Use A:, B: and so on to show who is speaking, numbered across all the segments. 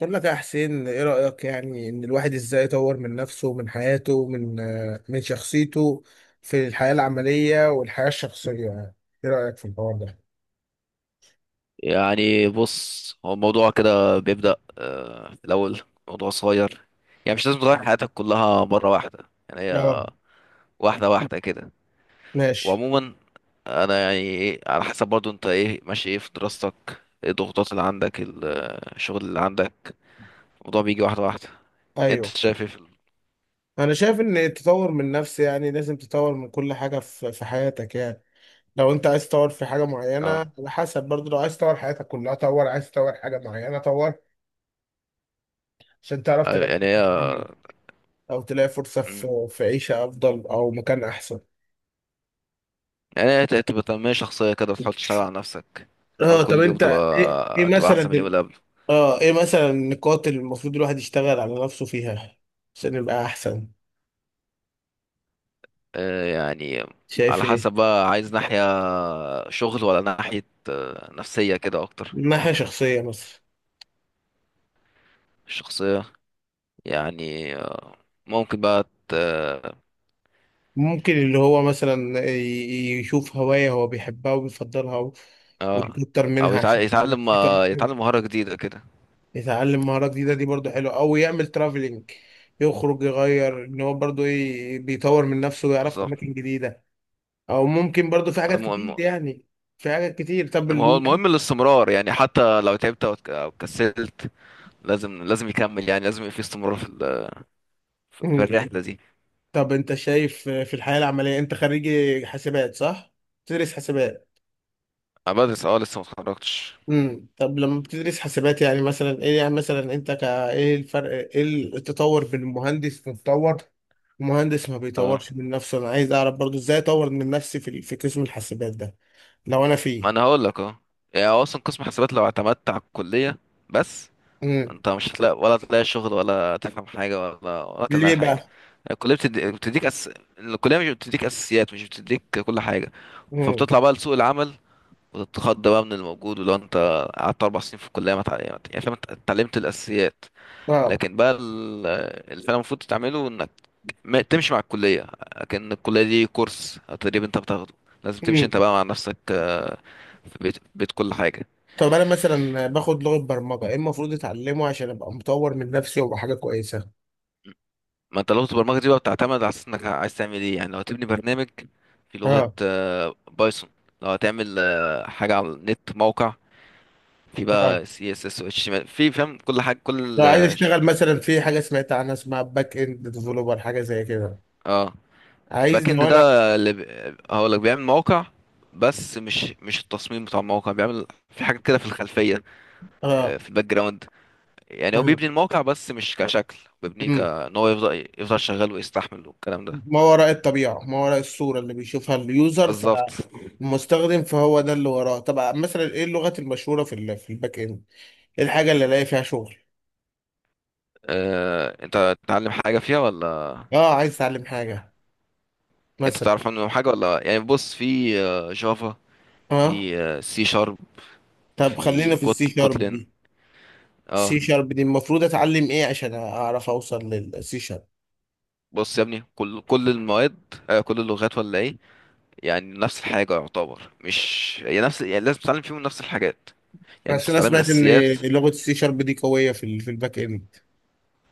A: بقول لك يا حسين، ايه رأيك يعني ان الواحد ازاي يطور من نفسه، من حياته، من شخصيته في الحياة العملية والحياة الشخصية؟ يعني ايه رأيك في الحوار ده؟
B: يعني بص، هو الموضوع كده بيبدأ في الأول موضوع صغير. يعني مش لازم تغير حياتك كلها مرة واحدة. يعني
A: اه.
B: هي واحدة واحدة كده.
A: ماشي.
B: وعموما، أنا يعني على حسب برضو، أنت إيه ماشي، إيه في دراستك، إيه الضغوطات اللي عندك، الشغل اللي عندك. الموضوع بيجي واحدة واحدة. أنت
A: ايوه،
B: شايف إيه في
A: انا شايف ان التطور من نفسي يعني لازم تطور من كل حاجة في حياتك. يعني لو انت عايز تطور في حاجة معينة،
B: آه
A: على حسب برضه، لو عايز تطور حياتك كلها طور، عايز تطور حاجة معينة طور، عشان تعرف تلاقي
B: يعني
A: فرصة
B: هي.
A: عمل او تلاقي فرصة
B: مم.
A: في عيشة افضل او مكان احسن.
B: يعني هي تبقى تنمية شخصية كده، تحاول تشتغل على نفسك. تحاول
A: اه طب
B: كل يوم
A: انت ايه
B: تبقى أحسن من اليوم
A: مثلا؟
B: اللي قبله.
A: اه، ايه مثلا النقاط اللي المفروض الواحد يشتغل على نفسه فيها عشان يبقى احسن؟
B: يعني
A: شايف
B: على
A: ايه؟
B: حسب، بقى عايز ناحية شغل ولا ناحية نفسية كده أكتر.
A: من ناحية شخصية مثلا،
B: الشخصية، يعني ممكن بقى ت- اه
A: ممكن اللي هو مثلا يشوف هواية هو بيحبها وبيفضلها
B: آه،
A: ويكتر منها عشان تبقى
B: يتعلم
A: نفسيته
B: آه،
A: أحسن.
B: يتعلم مهارة جديدة كده.
A: يتعلم مهارة جديدة دي برضه حلوة، أو يعمل ترافلينج، يخرج يغير، إن هو برضه إيه بيطور من نفسه ويعرف
B: بالظبط.
A: أماكن جديدة. أو ممكن برضه في حاجات كتير
B: المهم
A: يعني، في حاجات كتير. طب
B: هو المهم الاستمرار. يعني حتى لو تعبت أو كسلت، لازم يكمل. يعني لازم يبقى في استمرار في الرحلة دي.
A: طب انت شايف في الحياة العملية، انت خريج حاسبات صح؟ بتدرس حاسبات.
B: أنا بدرس، لسه متخرجتش.
A: طب لما بتدرس حاسبات، يعني مثلا ايه، يعني مثلا انت ايه الفرق، ايه التطور بين المهندس المتطور، المهندس ما
B: اه،
A: بيطورش من نفسه؟ انا عايز اعرف برضو ازاي اطور من نفسي في قسم الحاسبات ده، لو انا
B: ما
A: فيه.
B: أنا هقولك اه. يعني هو أصلا قسم حسابات لو اعتمدت على الكلية بس.
A: امم
B: انت مش هتلاقي، ولا تلاقي شغل، ولا تفهم حاجه، ولا
A: ليه
B: تلاقي حاجه.
A: بقى؟
B: الكليه بتدي... بتديك أس... الكليه مش بتديك اساسيات، مش بتديك كل حاجه.
A: امم.
B: فبتطلع بقى لسوق العمل، وتتخض بقى من الموجود. ولو انت قعدت اربع سنين في الكليه، ما تع... يعني فاهم، انت اتعلمت الاساسيات.
A: اه.
B: لكن بقى اللي فعلا المفروض تعمله، انك ما... تمشي مع الكليه، لكن الكليه دي كورس تدريب انت بتاخده. لازم تمشي
A: امم.
B: انت بقى مع نفسك. في بيت، بيت كل حاجه.
A: طب انا مثلا باخد لغة برمجة، ايه المفروض اتعلمه عشان ابقى مطور من نفسي وابقى حاجة كويسة؟
B: ما انت لغة البرمجة دي بقى بتعتمد على اساس انك عايز تعمل ايه. يعني لو هتبني برنامج في لغة
A: اه.
B: بايثون. لو هتعمل حاجة على النت، موقع، في
A: اه،
B: بقى سي اس اس و HTML. في فاهم كل حاجة، كل
A: لو عايز اشتغل مثلا في حاجه سمعت عنها اسمها باك اند ديفلوبر، حاجه زي كده.
B: اه.
A: عايز،
B: الباك اند
A: لو انا.
B: ده هقولك بيعمل موقع، بس مش التصميم بتاع الموقع، بيعمل في حاجات كده في الخلفية.
A: اه.
B: في الباك جراوند. يعني هو
A: مم.
B: بيبني الموقع بس مش كشكل، بيبنيه
A: مم.
B: كان هو يفضل شغال، ويستحمل والكلام ده.
A: ما وراء الطبيعه، ما وراء الصوره اللي بيشوفها اليوزر،
B: بالظبط.
A: فالمستخدم فهو ده اللي وراه. طب مثلا ايه اللغات المشهوره في في الباك اند؟ ايه الحاجه اللي الاقي فيها شغل؟
B: انت تتعلم حاجة فيها ولا
A: اه، عايز اتعلم حاجه
B: انت
A: مثلا.
B: تعرف عنهم حاجه ولا؟ يعني بص، في جافا،
A: اه
B: في سي شارب،
A: طب خلينا
B: في
A: في السي شارب
B: كوتلين.
A: دي.
B: اه.
A: السي شارب دي المفروض اتعلم ايه عشان اعرف اوصل للسي شارب؟
B: بص يا ابني، كل المواد، كل اللغات ولا ايه، يعني نفس الحاجه يعتبر. مش يعني نفس، يعني لازم تتعلم فيهم نفس الحاجات. يعني انت
A: عشان انا
B: تتعلم
A: سمعت ان
B: الاساسيات.
A: لغه السي شارب دي قويه في الباك اند.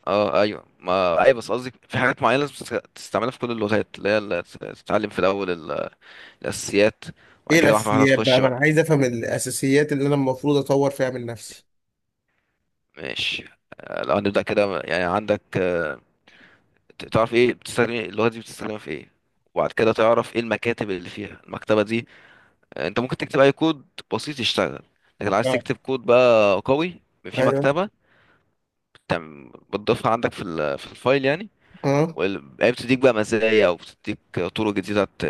B: اه ايوه، ما ايوه، بس قصدي في حاجات معينه لازم تستعملها في كل اللغات، اللي هي اللي تتعلم في الاول الاساسيات، وبعد
A: ايه
B: كده واحده واحده
A: الاساسيات بقى؟
B: تخش
A: ما انا
B: بقى.
A: عايز افهم الاساسيات اللي انا المفروض اطور فيها من نفسي.
B: ماشي. لو هنبدا كده، يعني عندك تعرف ايه بتستخدم، ايه اللغه دي بتستخدمها في ايه. وبعد كده تعرف ايه المكاتب اللي فيها، المكتبه دي. انت ممكن تكتب اي كود بسيط يشتغل. لكن لو عايز
A: اه.
B: تكتب كود بقى قوي، في
A: ايوه.
B: مكتبه بتضيفها عندك في الفايل يعني.
A: اه.
B: هي بتديك بقى مزايا، او بتديك طرق جديده، ت-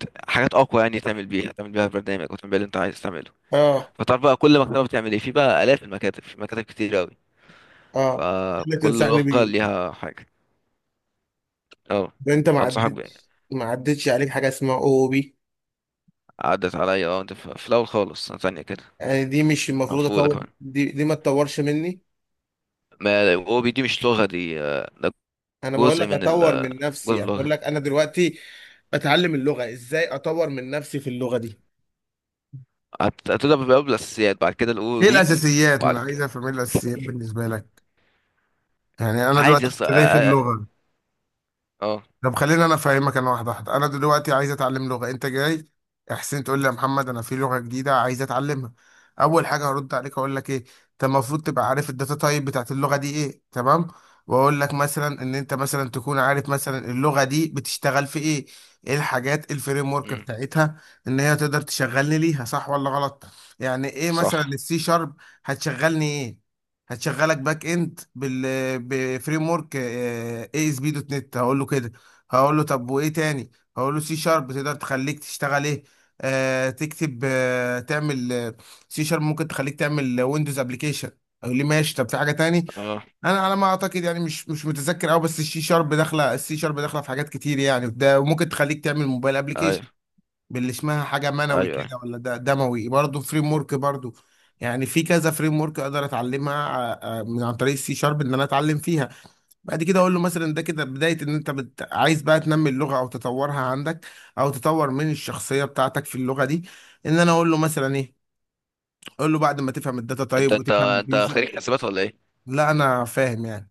B: ت- حاجات اقوى يعني، تعمل بيها برنامج، او تعمل بيها اللي انت عايز تعمله.
A: اه.
B: فتعرف بقى كل مكتبه بتعمل ايه، في بقى الاف المكاتب، في مكاتب كتير قوي،
A: اه. اللي
B: فكل
A: تنصحني
B: لغه
A: بيه.
B: ليها حاجه. اه،
A: ده انت ما
B: انصحك.
A: عدتش ما عدتش عليك حاجه اسمها او بي.
B: عدت عليا، اه انت في الاول خالص، سنة تانية كده،
A: يعني دي مش
B: او
A: المفروض
B: في اولى
A: اطور؟
B: كمان.
A: دي ما تطورش مني؟
B: ما هو دي مش لغة، دي ده
A: انا بقول
B: جزء
A: لك
B: من ال
A: اطور من
B: جزء
A: نفسي،
B: من
A: يعني بقول
B: اللغة.
A: لك انا دلوقتي بتعلم اللغه، ازاي اطور من نفسي في اللغه دي؟
B: هتبدأ بقى بالأساسيات، بعد كده الأو
A: ايه
B: بي،
A: الاساسيات؟ ما
B: وبعد
A: انا عايز
B: كده
A: افهم ايه الاساسيات بالنسبه لك، يعني انا
B: عايز
A: دلوقتي
B: يص اه
A: كنت داخل
B: اه
A: لغه.
B: آه.
A: طب خليني انا افهمك انا، واحده واحده. انا دلوقتي عايز اتعلم لغه، انت جاي يا حسين تقول لي يا محمد، انا في لغه جديده عايز اتعلمها. اول حاجه هرد عليك، اقول لك ايه؟ انت المفروض تبقى عارف الداتا تايب بتاعت اللغه دي ايه، تمام. واقول لك مثلا ان انت مثلا تكون عارف مثلا اللغه دي بتشتغل في ايه، ايه الحاجات الفريم ورك
B: مم.
A: بتاعتها، ان هي تقدر تشغلني ليها صح ولا غلط. يعني ايه مثلا
B: صح.
A: السي شارب هتشغلني ايه؟ هتشغلك باك اند بفريم ورك اي اس بي دوت نت، هقول له كده. هقول له طب وايه تاني؟ هقول له سي شارب تقدر تخليك تشتغل ايه؟ تكتب، تعمل. سي شارب ممكن تخليك تعمل ويندوز ابلكيشن. يقول لي ماشي، طب في حاجه تاني؟
B: اه،
A: انا على ما اعتقد، يعني مش متذكر قوي، بس السي شارب داخله في حاجات كتير. يعني ده ممكن تخليك تعمل موبايل
B: ايوه،
A: ابلكيشن باللي اسمها حاجه
B: ايوه،
A: منوي كده،
B: ايوه.
A: ولا ده دموي برضه، فريم ورك برضه. يعني في كذا فريم ورك اقدر اتعلمها عن طريق السي شارب، ان انا اتعلم فيها. بعد كده اقول له مثلا ده كده بدايه ان انت عايز بقى تنمي اللغه او تطورها عندك، او تطور من الشخصيه بتاعتك في اللغه دي. ان انا اقول له مثلا ايه؟ اقول له بعد ما تفهم الداتا
B: انت
A: تايب
B: انت
A: وتفهم
B: انت
A: البيزك.
B: خريج حسابات ولا ايه؟
A: لا انا فاهم يعني.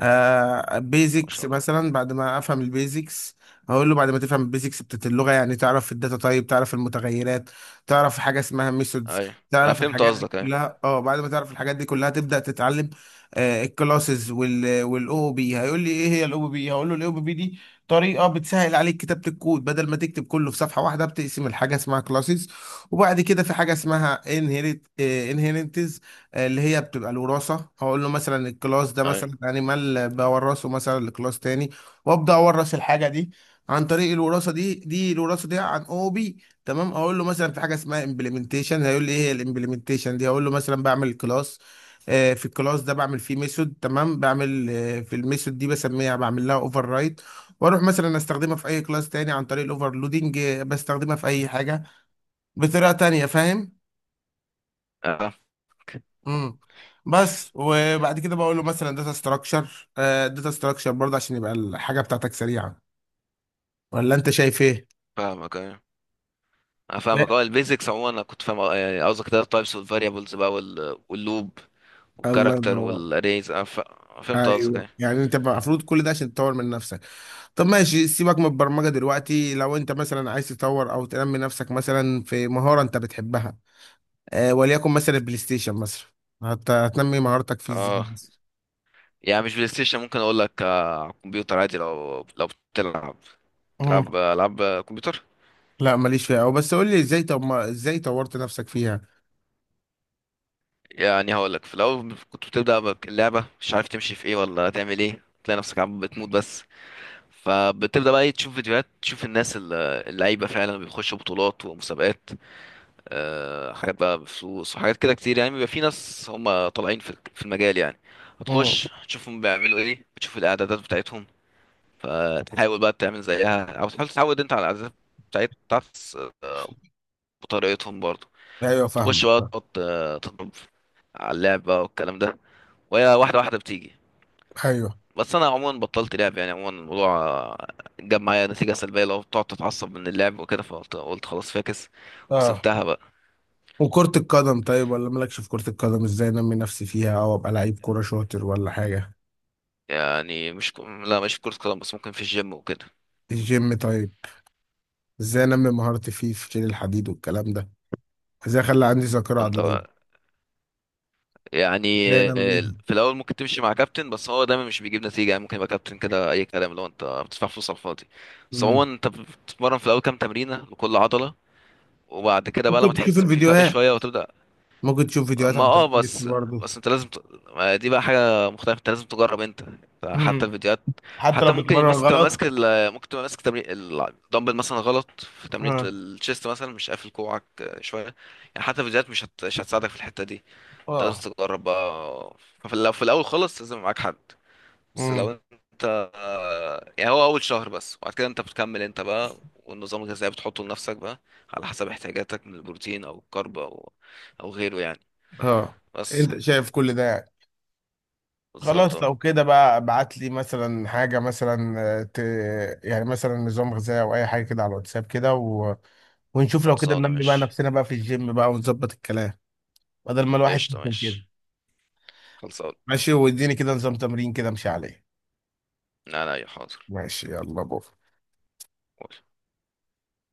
B: ما
A: بيزكس
B: شاء الله.
A: مثلا. بعد ما افهم البيزكس، هقول له بعد ما تفهم البيزكس بتاعت اللغه، يعني تعرف الداتا تايب، تعرف المتغيرات، تعرف حاجه اسمها ميثودز،
B: ايوه، انا
A: تعرف
B: فهمت
A: الحاجات دي
B: قصدك، ايوه
A: كلها. اه، بعد ما تعرف الحاجات دي كلها تبدا تتعلم الكلاسز والاو بي. هيقول لي ايه هي الاو بي؟ هقول له الاو بي دي طريقه بتسهل عليك كتابه الكود، بدل ما تكتب كله في صفحه واحده بتقسم، الحاجه اسمها كلاسز. وبعد كده في حاجه اسمها انهيرنتز، اللي هي بتبقى الوراثه. هقول له مثلا الكلاس ده مثلا
B: ايوه،
A: انيمال، بورثه مثلا لكلاس تاني وابدا اورث الحاجه دي عن طريق الوراثه دي الوراثه دي عن او بي. تمام. اقول له مثلا في حاجه اسمها امبلمنتيشن، هيقول لي ايه الامبلمنتيشن دي؟ هقول له مثلا بعمل كلاس، في الكلاس ده بعمل فيه ميثود، تمام، بعمل في الميثود دي بسميها، بعمل لها اوفر رايت، واروح مثلا استخدمها في اي كلاس تاني عن طريق الاوفرلودنج، بستخدمها في اي حاجه بطريقه تانيه، فاهم؟
B: اه
A: امم بس. وبعد كده بقول له مثلا داتا ستراكشر، داتا ستراكشر برضه عشان يبقى الحاجه بتاعتك سريعه. ولا انت شايف ايه؟
B: فاهمك، ايوه انا فاهمك.
A: لا.
B: اه البيزكس عموما انا كنت فاهم. يعني قصدك كده التايبس والفاريبلز بقى، واللوب
A: الله
B: والكاركتر
A: ينور.
B: والاريز، فهمت قصدك
A: ايوه،
B: ايه.
A: يعني انت بقى المفروض كل ده عشان تطور من نفسك. طب ماشي، سيبك من البرمجه دلوقتي. لو انت مثلا عايز تطور او تنمي نفسك مثلا في مهاره انت بتحبها، وليكن مثلا البلاي ستيشن مثلا، هتنمي مهارتك فيه ازاي
B: اه.
A: بس؟
B: يعني مش بلاي ستيشن، ممكن اقول لك على الكمبيوتر عادي، لو بتلعب،
A: مم.
B: تلعب العاب كمبيوتر.
A: لا ماليش فيها، او بس قول لي ازاي، طب ما ازاي طورت نفسك فيها؟
B: يعني هقول لك، في الاول كنت بتبدا اللعبه، مش عارف تمشي في ايه ولا تعمل ايه، تلاقي نفسك عم بتموت بس. فبتبدا بقى تشوف فيديوهات، تشوف الناس اللعيبه فعلا بيخشوا بطولات ومسابقات. حاجات بقى بفلوس وحاجات كده كتير، يعني بيبقى في ناس هم طالعين في المجال يعني.
A: امم.
B: هتخش تشوفهم بيعملوا ايه، بتشوف الاعدادات بتاعتهم، فتحاول بقى تعمل زيها، او تحاول تتعود انت على العادات بتاعت- بتاعت بطريقتهم برضه.
A: ايوه،
B: تخش
A: فاهمك.
B: بقى تقعد تضرب على اللعب بقى والكلام ده، وهي واحدة واحدة بتيجي.
A: ايوه.
B: بس انا عموما بطلت لعب، يعني عموما الموضوع جاب معايا نتيجة سلبية. لو بتقعد تتعصب من اللعب وكده، فقلت خلاص فاكس،
A: اه،
B: وسبتها بقى.
A: وكرة القدم طيب، ولا مالكش في كرة القدم؟ ازاي انمي نفسي فيها او ابقى لعيب كورة شاطر ولا حاجة؟
B: يعني مش ك... لا، مش في كرة قدم، بس ممكن في الجيم وكده.
A: الجيم طيب. ازاي انمي مهارتي فيه في شيل الحديد والكلام ده؟ ازاي اخلي عندي ذاكرة
B: ما انت
A: عضلية؟
B: يعني،
A: ازاي انميها؟
B: في الاول ممكن تمشي مع كابتن، بس هو دايما مش بيجيب نتيجه، يعني ممكن يبقى كابتن كده اي كلام، اللي هو انت بتدفع فلوس على الفاضي. بس
A: مم.
B: عموما، انت بتتمرن في الاول كام تمرينه لكل عضله، وبعد كده بقى لما
A: ممكن تشوف
B: تحس في فرق
A: الفيديوهات
B: شويه وتبدا.
A: ممكن تشوف فيديوهات
B: ما
A: عن
B: اه
A: تمرين النت
B: بس
A: برضه.
B: بس انت لازم ما دي بقى حاجه مختلفه، انت لازم تجرب انت، حتى
A: مم.
B: الفيديوهات.
A: حتى لو
B: حتى ممكن
A: بتمرن
B: مثلا
A: غلط؟
B: ممكن تبقى ماسك تمرين الدمبل مثلا غلط، في تمرين
A: ها.
B: الشيست مثلا مش قافل كوعك شويه يعني. حتى الفيديوهات مش هتساعدك في الحته دي. انت
A: اه.
B: لازم تجرب بقى. لو في الاول خالص لازم معاك حد. بس
A: مم.
B: لو انت، يعني هو اول شهر بس، وبعد كده انت بتكمل انت بقى، والنظام الغذائي بتحطه لنفسك بقى، على حسب احتياجاتك من البروتين او الكرب او غيره يعني.
A: اه.
B: بس
A: انت
B: كده.
A: شايف كل ده يعني؟
B: بالظبط
A: خلاص،
B: اه.
A: لو كده بقى ابعت لي مثلا حاجة مثلا، آه، ت... يعني مثلا نظام غذائي او اي حاجة كده على الواتساب كده، ونشوف، لو كده
B: خلصانه
A: ننمي بقى
B: ماشي.
A: نفسنا بقى في الجيم بقى، ونظبط الكلام، بدل ما الواحد
B: قشطه
A: يتنكد كده.
B: ماشي، خلصانه.
A: ماشي، واديني كده نظام تمرين كده امشي عليه.
B: لا لا يا حاضر.
A: ماشي يلا بو.